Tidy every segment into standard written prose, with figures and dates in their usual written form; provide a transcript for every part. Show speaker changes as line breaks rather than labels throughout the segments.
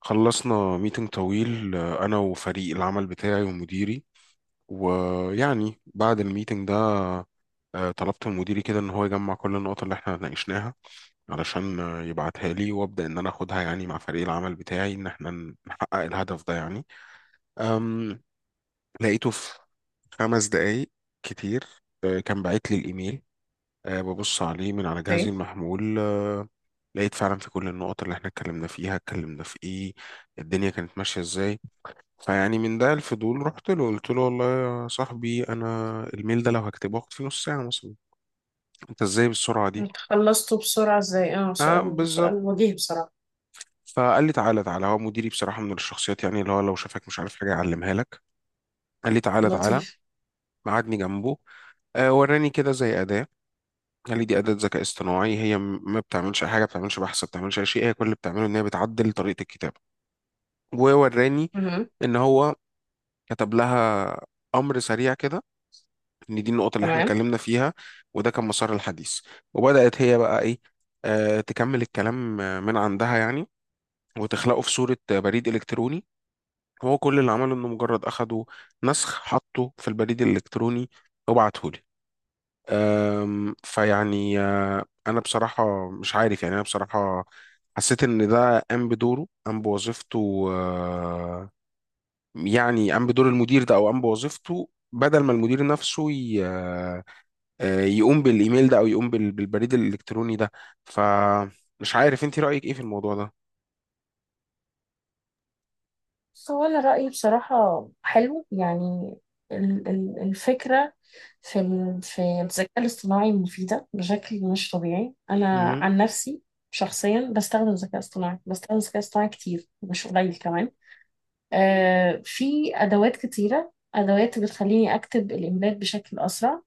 خلصنا ميتنج طويل، أنا وفريق العمل بتاعي ومديري. ويعني بعد الميتنج ده، طلبت من مديري كده إن هو يجمع كل النقط اللي إحنا ناقشناها، علشان يبعتها لي وأبدأ إن أنا أخدها، يعني مع فريق العمل بتاعي، إن إحنا نحقق الهدف ده يعني. أم، لقيته في 5 دقايق. كتير. كان باعت لي الإيميل. ببص عليه من على جهازي
اوكي.
المحمول. لقيت فعلا في كل النقط اللي احنا اتكلمنا فيها، اتكلمنا في ايه، الدنيا كانت ماشية ازاي. فيعني من ده الفضول رحت له، قلت له والله يا صاحبي، انا الميل ده لو هكتبه هاخد فيه نص ساعه مثلا، انت ازاي بالسرعه دي؟
خلصته بسرعة ازاي،
اه
سؤال
بالظبط.
وجيه بصراحة.
فقال لي تعالى تعالى، هو مديري بصراحه من الشخصيات يعني اللي هو لو شافك مش عارف حاجه يعلمها لك. قال لي تعالى تعالى،
لطيف.
قعدني جنبه، وراني كده زي اداه. قال لي دي اداه ذكاء اصطناعي، هي ما بتعملش اي حاجه، ما بتعملش بحث، ما بتعملش اي شيء. هي كل اللي بتعمله ان هي بتعدل طريقه الكتابه. ووراني
مهم.
ان هو كتب لها امر سريع كده، ان دي النقطة اللي احنا
تمام.
اتكلمنا فيها. وده كان مسار الحديث. وبدأت هي بقى ايه، تكمل الكلام من عندها يعني، وتخلقه في صورة بريد إلكتروني. هو كل اللي عمله انه مجرد اخده، نسخ، حطه في البريد الإلكتروني، وبعته لي. فيعني انا بصراحة مش عارف، يعني انا بصراحة حسيت ان ده قام بدوره، قام بوظيفته، يعني قام بدور المدير ده، او قام بوظيفته بدل ما المدير نفسه يقوم بالايميل ده، او يقوم بالبريد الالكتروني ده. فمش عارف انت رايك ايه في الموضوع ده؟
هو أنا رأيي بصراحة حلو يعني. الفكرة في في الذكاء الاصطناعي مفيدة بشكل مش طبيعي. أنا
مهم.
عن نفسي شخصيا بستخدم الذكاء الاصطناعي، كتير مش قليل كمان. في أدوات كتيرة، أدوات بتخليني أكتب الإيميلات بشكل أسرع،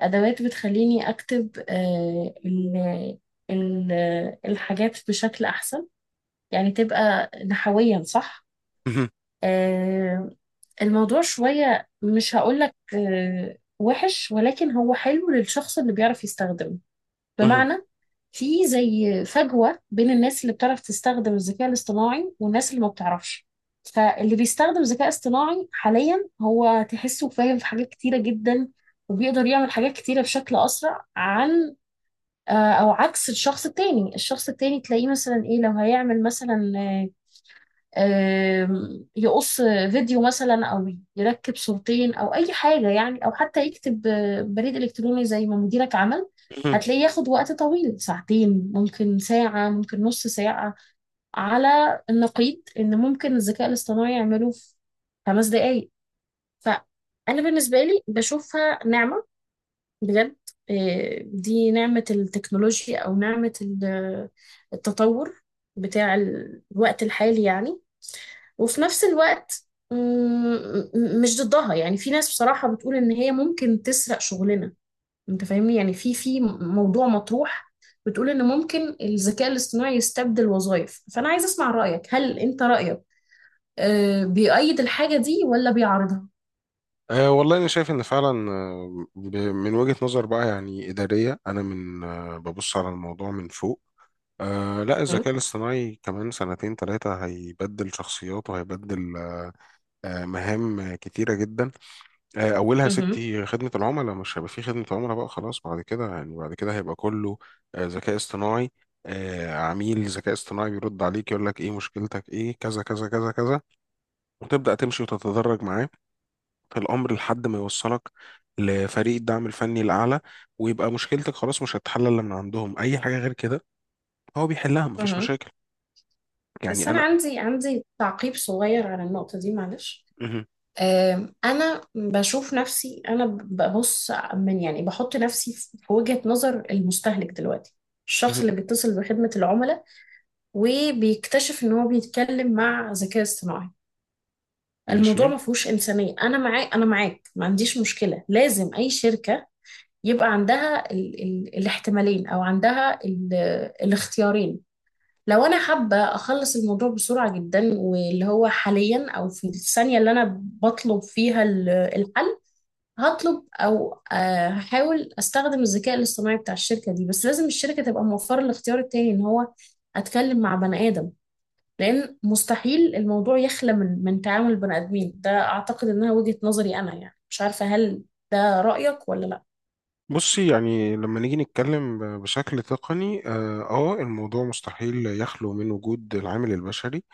أدوات بتخليني أكتب ال- الحاجات بشكل أحسن، يعني تبقى نحويا صح.
مهم.
آه، الموضوع شوية مش هقولك وحش، ولكن هو حلو للشخص اللي بيعرف يستخدمه.
مهم.
بمعنى في زي فجوة بين الناس اللي بتعرف تستخدم الذكاء الاصطناعي والناس اللي ما بتعرفش. فاللي بيستخدم ذكاء اصطناعي حاليا هو تحسه فاهم في حاجات كتيرة جدا، وبيقدر يعمل حاجات كتيرة بشكل أسرع عن آه، او عكس الشخص التاني. الشخص التاني تلاقيه مثلا ايه لو هيعمل مثلا آه، آم، يقص فيديو مثلا، او يركب صورتين، او اي حاجة يعني، او حتى يكتب بريد الكتروني زي ما مديرك عمل.
مهم.
هتلاقيه ياخد وقت طويل، ساعتين ممكن، ساعة ممكن، نص ساعة. على النقيض ان ممكن الذكاء الاصطناعي يعمله في 5 دقايق. فانا بالنسبه لي بشوفها نعمه بجد. دي نعمة التكنولوجيا أو نعمة التطور بتاع الوقت الحالي يعني. وفي نفس الوقت مش ضدها. يعني في ناس بصراحة بتقول إن هي ممكن تسرق شغلنا. أنت فاهمني يعني، في موضوع مطروح بتقول إن ممكن الذكاء الاصطناعي يستبدل وظائف. فأنا عايز أسمع رأيك، هل أنت رأيك بيؤيد الحاجة دي ولا بيعارضها؟
أه والله أنا شايف إن فعلا، من وجهة نظر بقى يعني إدارية، أنا من ببص على الموضوع من فوق. أه لا، الذكاء الاصطناعي كمان سنتين ثلاثة هيبدل شخصيات وهيبدل مهام كتيرة جدا. اولها
مهم.
ستي خدمه العملاء، مش هيبقى في خدمه عملاء بقى خلاص بعد كده، يعني بعد كده هيبقى كله ذكاء اصطناعي. عميل ذكاء اصطناعي بيرد عليك يقول لك ايه مشكلتك، ايه كذا كذا كذا كذا، وتبدا تمشي وتتدرج معاه في الامر لحد ما يوصلك لفريق الدعم الفني الاعلى، ويبقى مشكلتك خلاص مش هتتحل الا من عندهم. اي حاجه غير كده هو بيحلها، مفيش
مهم.
مشاكل.
بس
يعني
أنا
انا.
عندي تعقيب صغير على النقطة دي معلش.
مهم.
أنا بشوف نفسي، أنا ببص من يعني، بحط نفسي في وجهة نظر المستهلك دلوقتي، الشخص
مهم.
اللي بيتصل بخدمة العملاء وبيكتشف إن هو بيتكلم مع ذكاء اصطناعي.
ماشي.
الموضوع ما فيهوش إنسانية. أنا معاك، ما عنديش مشكلة. لازم أي شركة يبقى عندها ال ال الاحتمالين أو عندها الاختيارين. لو انا حابه اخلص الموضوع بسرعه جدا، واللي هو حاليا او في الثانيه اللي انا بطلب فيها الحل، هطلب او هحاول استخدم الذكاء الاصطناعي بتاع الشركه دي. بس لازم الشركه تبقى موفره الاختيار التاني، ان هو اتكلم مع بني ادم. لان مستحيل الموضوع يخلى من تعامل بني ادمين. ده اعتقد انها وجهه نظري انا يعني. مش عارفه هل ده رايك ولا لا.
بصي يعني لما نيجي نتكلم بشكل تقني اه، الموضوع مستحيل يخلو من وجود العامل البشري.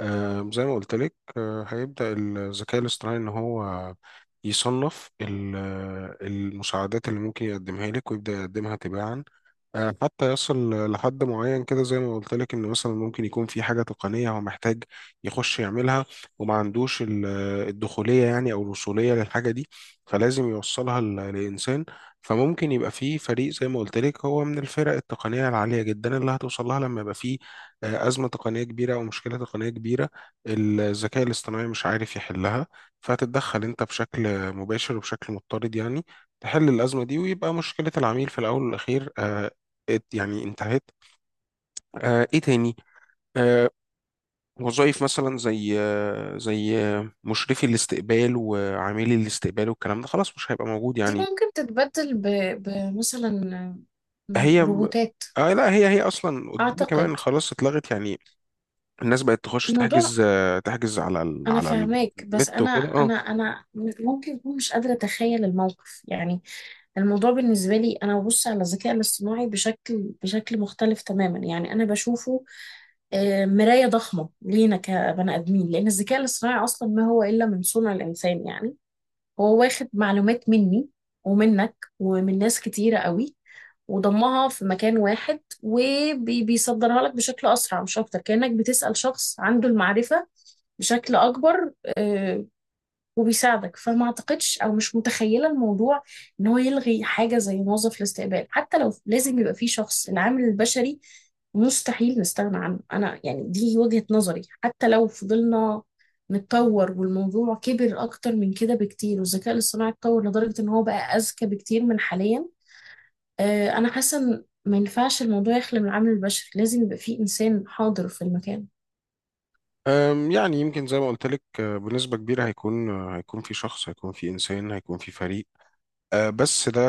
زي ما قلت لك، آه هيبدأ الذكاء الاصطناعي ان هو يصنف المساعدات اللي ممكن يقدمها لك، ويبدأ يقدمها تباعا حتى يصل لحد معين. كده زي ما قلت لك، ان مثلا ممكن يكون في حاجه تقنيه هو محتاج يخش يعملها، وما عندوش الدخوليه يعني او الوصوليه للحاجه دي. فلازم يوصلها لانسان. فممكن يبقى في فريق، زي ما قلت لك، هو من الفرق التقنيه العاليه جدا اللي هتوصل لها لما يبقى في ازمه تقنيه كبيره او مشكله تقنيه كبيره الذكاء الاصطناعي مش عارف يحلها. فهتتدخل انت بشكل مباشر وبشكل مضطرد، يعني تحل الأزمة دي، ويبقى مشكلة العميل في الأول والأخير يعني انتهت. ايه تاني؟ آه وظائف مثلا زي زي مشرفي الاستقبال وعاملي الاستقبال والكلام ده خلاص مش هيبقى موجود
دي
يعني.
ممكن تتبدل بمثلا
هي
روبوتات.
لا، هي هي اصلا قدام
اعتقد
كمان خلاص اتلغت يعني. الناس بقت تخش
الموضوع.
تحجز، آه تحجز على ال
انا
على
فاهماك، بس
النت وكده اه.
انا ممكن اكون مش قادره اتخيل الموقف يعني. الموضوع بالنسبه لي، انا ببص على الذكاء الاصطناعي بشكل مختلف تماما يعني. انا بشوفه مرايه ضخمه لينا كبني ادمين، لان الذكاء الاصطناعي اصلا ما هو الا من صنع الانسان يعني. هو واخد معلومات مني ومنك ومن ناس كتيره قوي، وضمها في مكان واحد وبيصدرها لك بشكل اسرع مش اكتر. كانك بتسال شخص عنده المعرفه بشكل اكبر، آه، وبيساعدك. فما اعتقدش او مش متخيله الموضوع ان هو يلغي حاجه زي موظف الاستقبال. حتى لو لازم يبقى فيه شخص، العامل البشري مستحيل نستغنى عنه انا يعني. دي وجهه نظري. حتى لو فضلنا نتطور والموضوع كبر اكتر من كده بكتير، والذكاء الاصطناعي اتطور لدرجه ان هو بقى اذكى بكتير من حاليا، انا حاسه ان ما ينفعش الموضوع يخلى من العامل البشري. لازم يبقى فيه انسان حاضر في المكان.
يعني يمكن زي ما قلت لك، بنسبة كبيرة هيكون، هيكون في شخص، هيكون في إنسان، هيكون في فريق. بس ده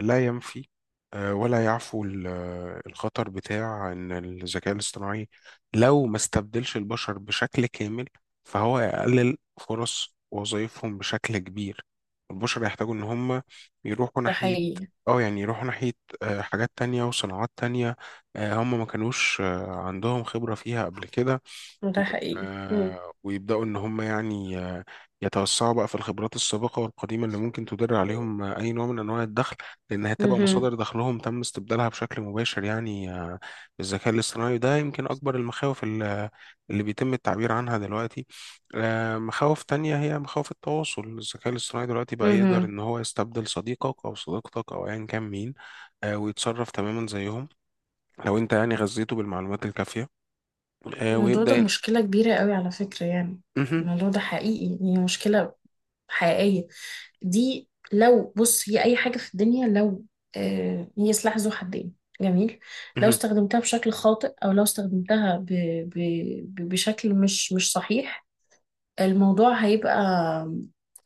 لا ينفي ولا يعفو الخطر بتاع ان الذكاء الاصطناعي لو ما استبدلش البشر بشكل كامل، فهو يقلل فرص وظائفهم بشكل كبير. البشر يحتاجوا ان هم يروحوا
ده
ناحية،
حقيقي.
اه يعني يروحوا ناحية حاجات تانية وصناعات تانية. هم ما كانوش عندهم خبرة فيها قبل كده،
ده حقيقي. مم.
ويبدأوا إن هم يعني يتوسعوا بقى في الخبرات السابقة والقديمة اللي ممكن تدر عليهم أي نوع من أنواع الدخل. لأن هتبقى
مهم.
مصادر دخلهم تم استبدالها بشكل مباشر، يعني بالذكاء الاصطناعي. وده يمكن أكبر المخاوف اللي بيتم التعبير عنها دلوقتي. مخاوف تانية هي مخاوف التواصل. الذكاء الاصطناعي دلوقتي بقى يقدر
مهم.
إن هو يستبدل صديقك أو صديقتك أو أيا كان مين، ويتصرف تماما زيهم لو أنت يعني غذيته بالمعلومات الكافية،
الموضوع ده
ويبدأ.
مشكلة كبيرة قوي على فكرة يعني.
مهم.
الموضوع ده حقيقي، هي مشكلة حقيقية. دي لو بص، هي أي حاجة في الدنيا لو هي سلاح ذو حدين. جميل. لو استخدمتها بشكل خاطئ أو لو استخدمتها ب ب ب بشكل مش صحيح، الموضوع هيبقى،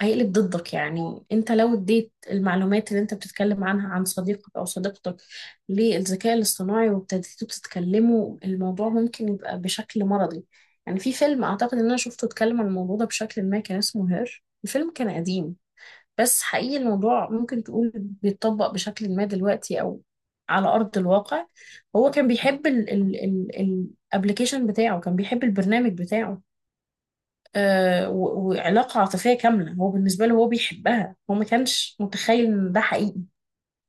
هيقلب ضدك. يعني انت لو اديت المعلومات اللي انت بتتكلم عنها عن صديقك او صديقتك للذكاء الاصطناعي وابتديتوا تتكلموا، الموضوع ممكن يبقى بشكل مرضي. يعني في فيلم اعتقد ان انا شفته اتكلم عن الموضوع ده بشكل ما، كان اسمه هير. الفيلم كان قديم بس حقيقي الموضوع ممكن تقول بيتطبق بشكل ما دلوقتي او على ارض الواقع. هو كان بيحب الابلكيشن بتاعه، كان بيحب البرنامج بتاعه وعلاقة عاطفية كاملة. هو بالنسبة له هو بيحبها، هو ما كانش متخيل ان ده حقيقي.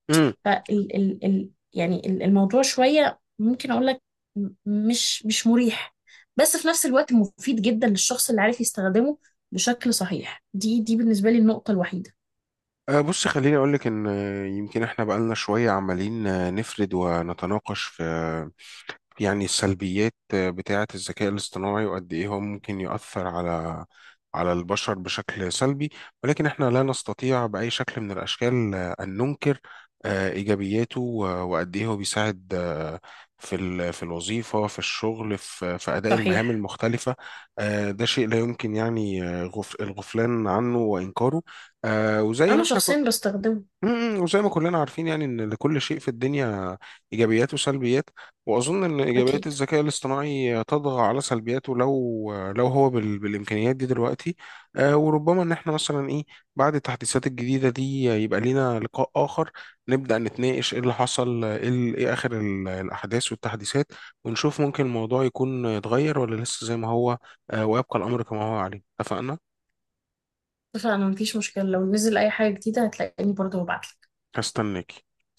امم
فال ال ال يعني ال- الموضوع شوية ممكن اقول لك مش مريح، بس في نفس الوقت مفيد جدا للشخص اللي عارف يستخدمه بشكل صحيح. دي بالنسبة لي النقطة الوحيدة.
بص خليني اقول لك ان، يمكن احنا بقالنا شويه عمالين نفرد ونتناقش في، يعني السلبيات بتاعة الذكاء الاصطناعي وقد إيه هو ممكن يؤثر على البشر بشكل سلبي. ولكن إحنا لا نستطيع بأي شكل من الأشكال أن ننكر إيجابياته وقد إيه هو بيساعد في في الوظيفة، في الشغل، في أداء المهام
صحيح.
المختلفة. ده شيء لا يمكن يعني الغفلان عنه وإنكاره. وزي
انا
ما إحنا
شخصيا بستخدمه.
وزي ما كلنا عارفين يعني ان لكل شيء في الدنيا ايجابيات وسلبيات. واظن ان ايجابيات
اكيد.
الذكاء الاصطناعي تطغى على سلبياته، لو هو بالامكانيات دي دلوقتي. آه وربما ان احنا مثلا ايه، بعد التحديثات الجديده دي يبقى لينا لقاء اخر نبدا نتناقش ايه اللي حصل، ايه إيه اخر الاحداث والتحديثات، ونشوف ممكن الموضوع يكون اتغير ولا لسه زي ما هو. آه ويبقى الامر كما هو عليه، اتفقنا؟
فانا مفيش مشكلة، لو نزل اي حاجة جديدة هتلاقيني برضه ببعت
هستناك.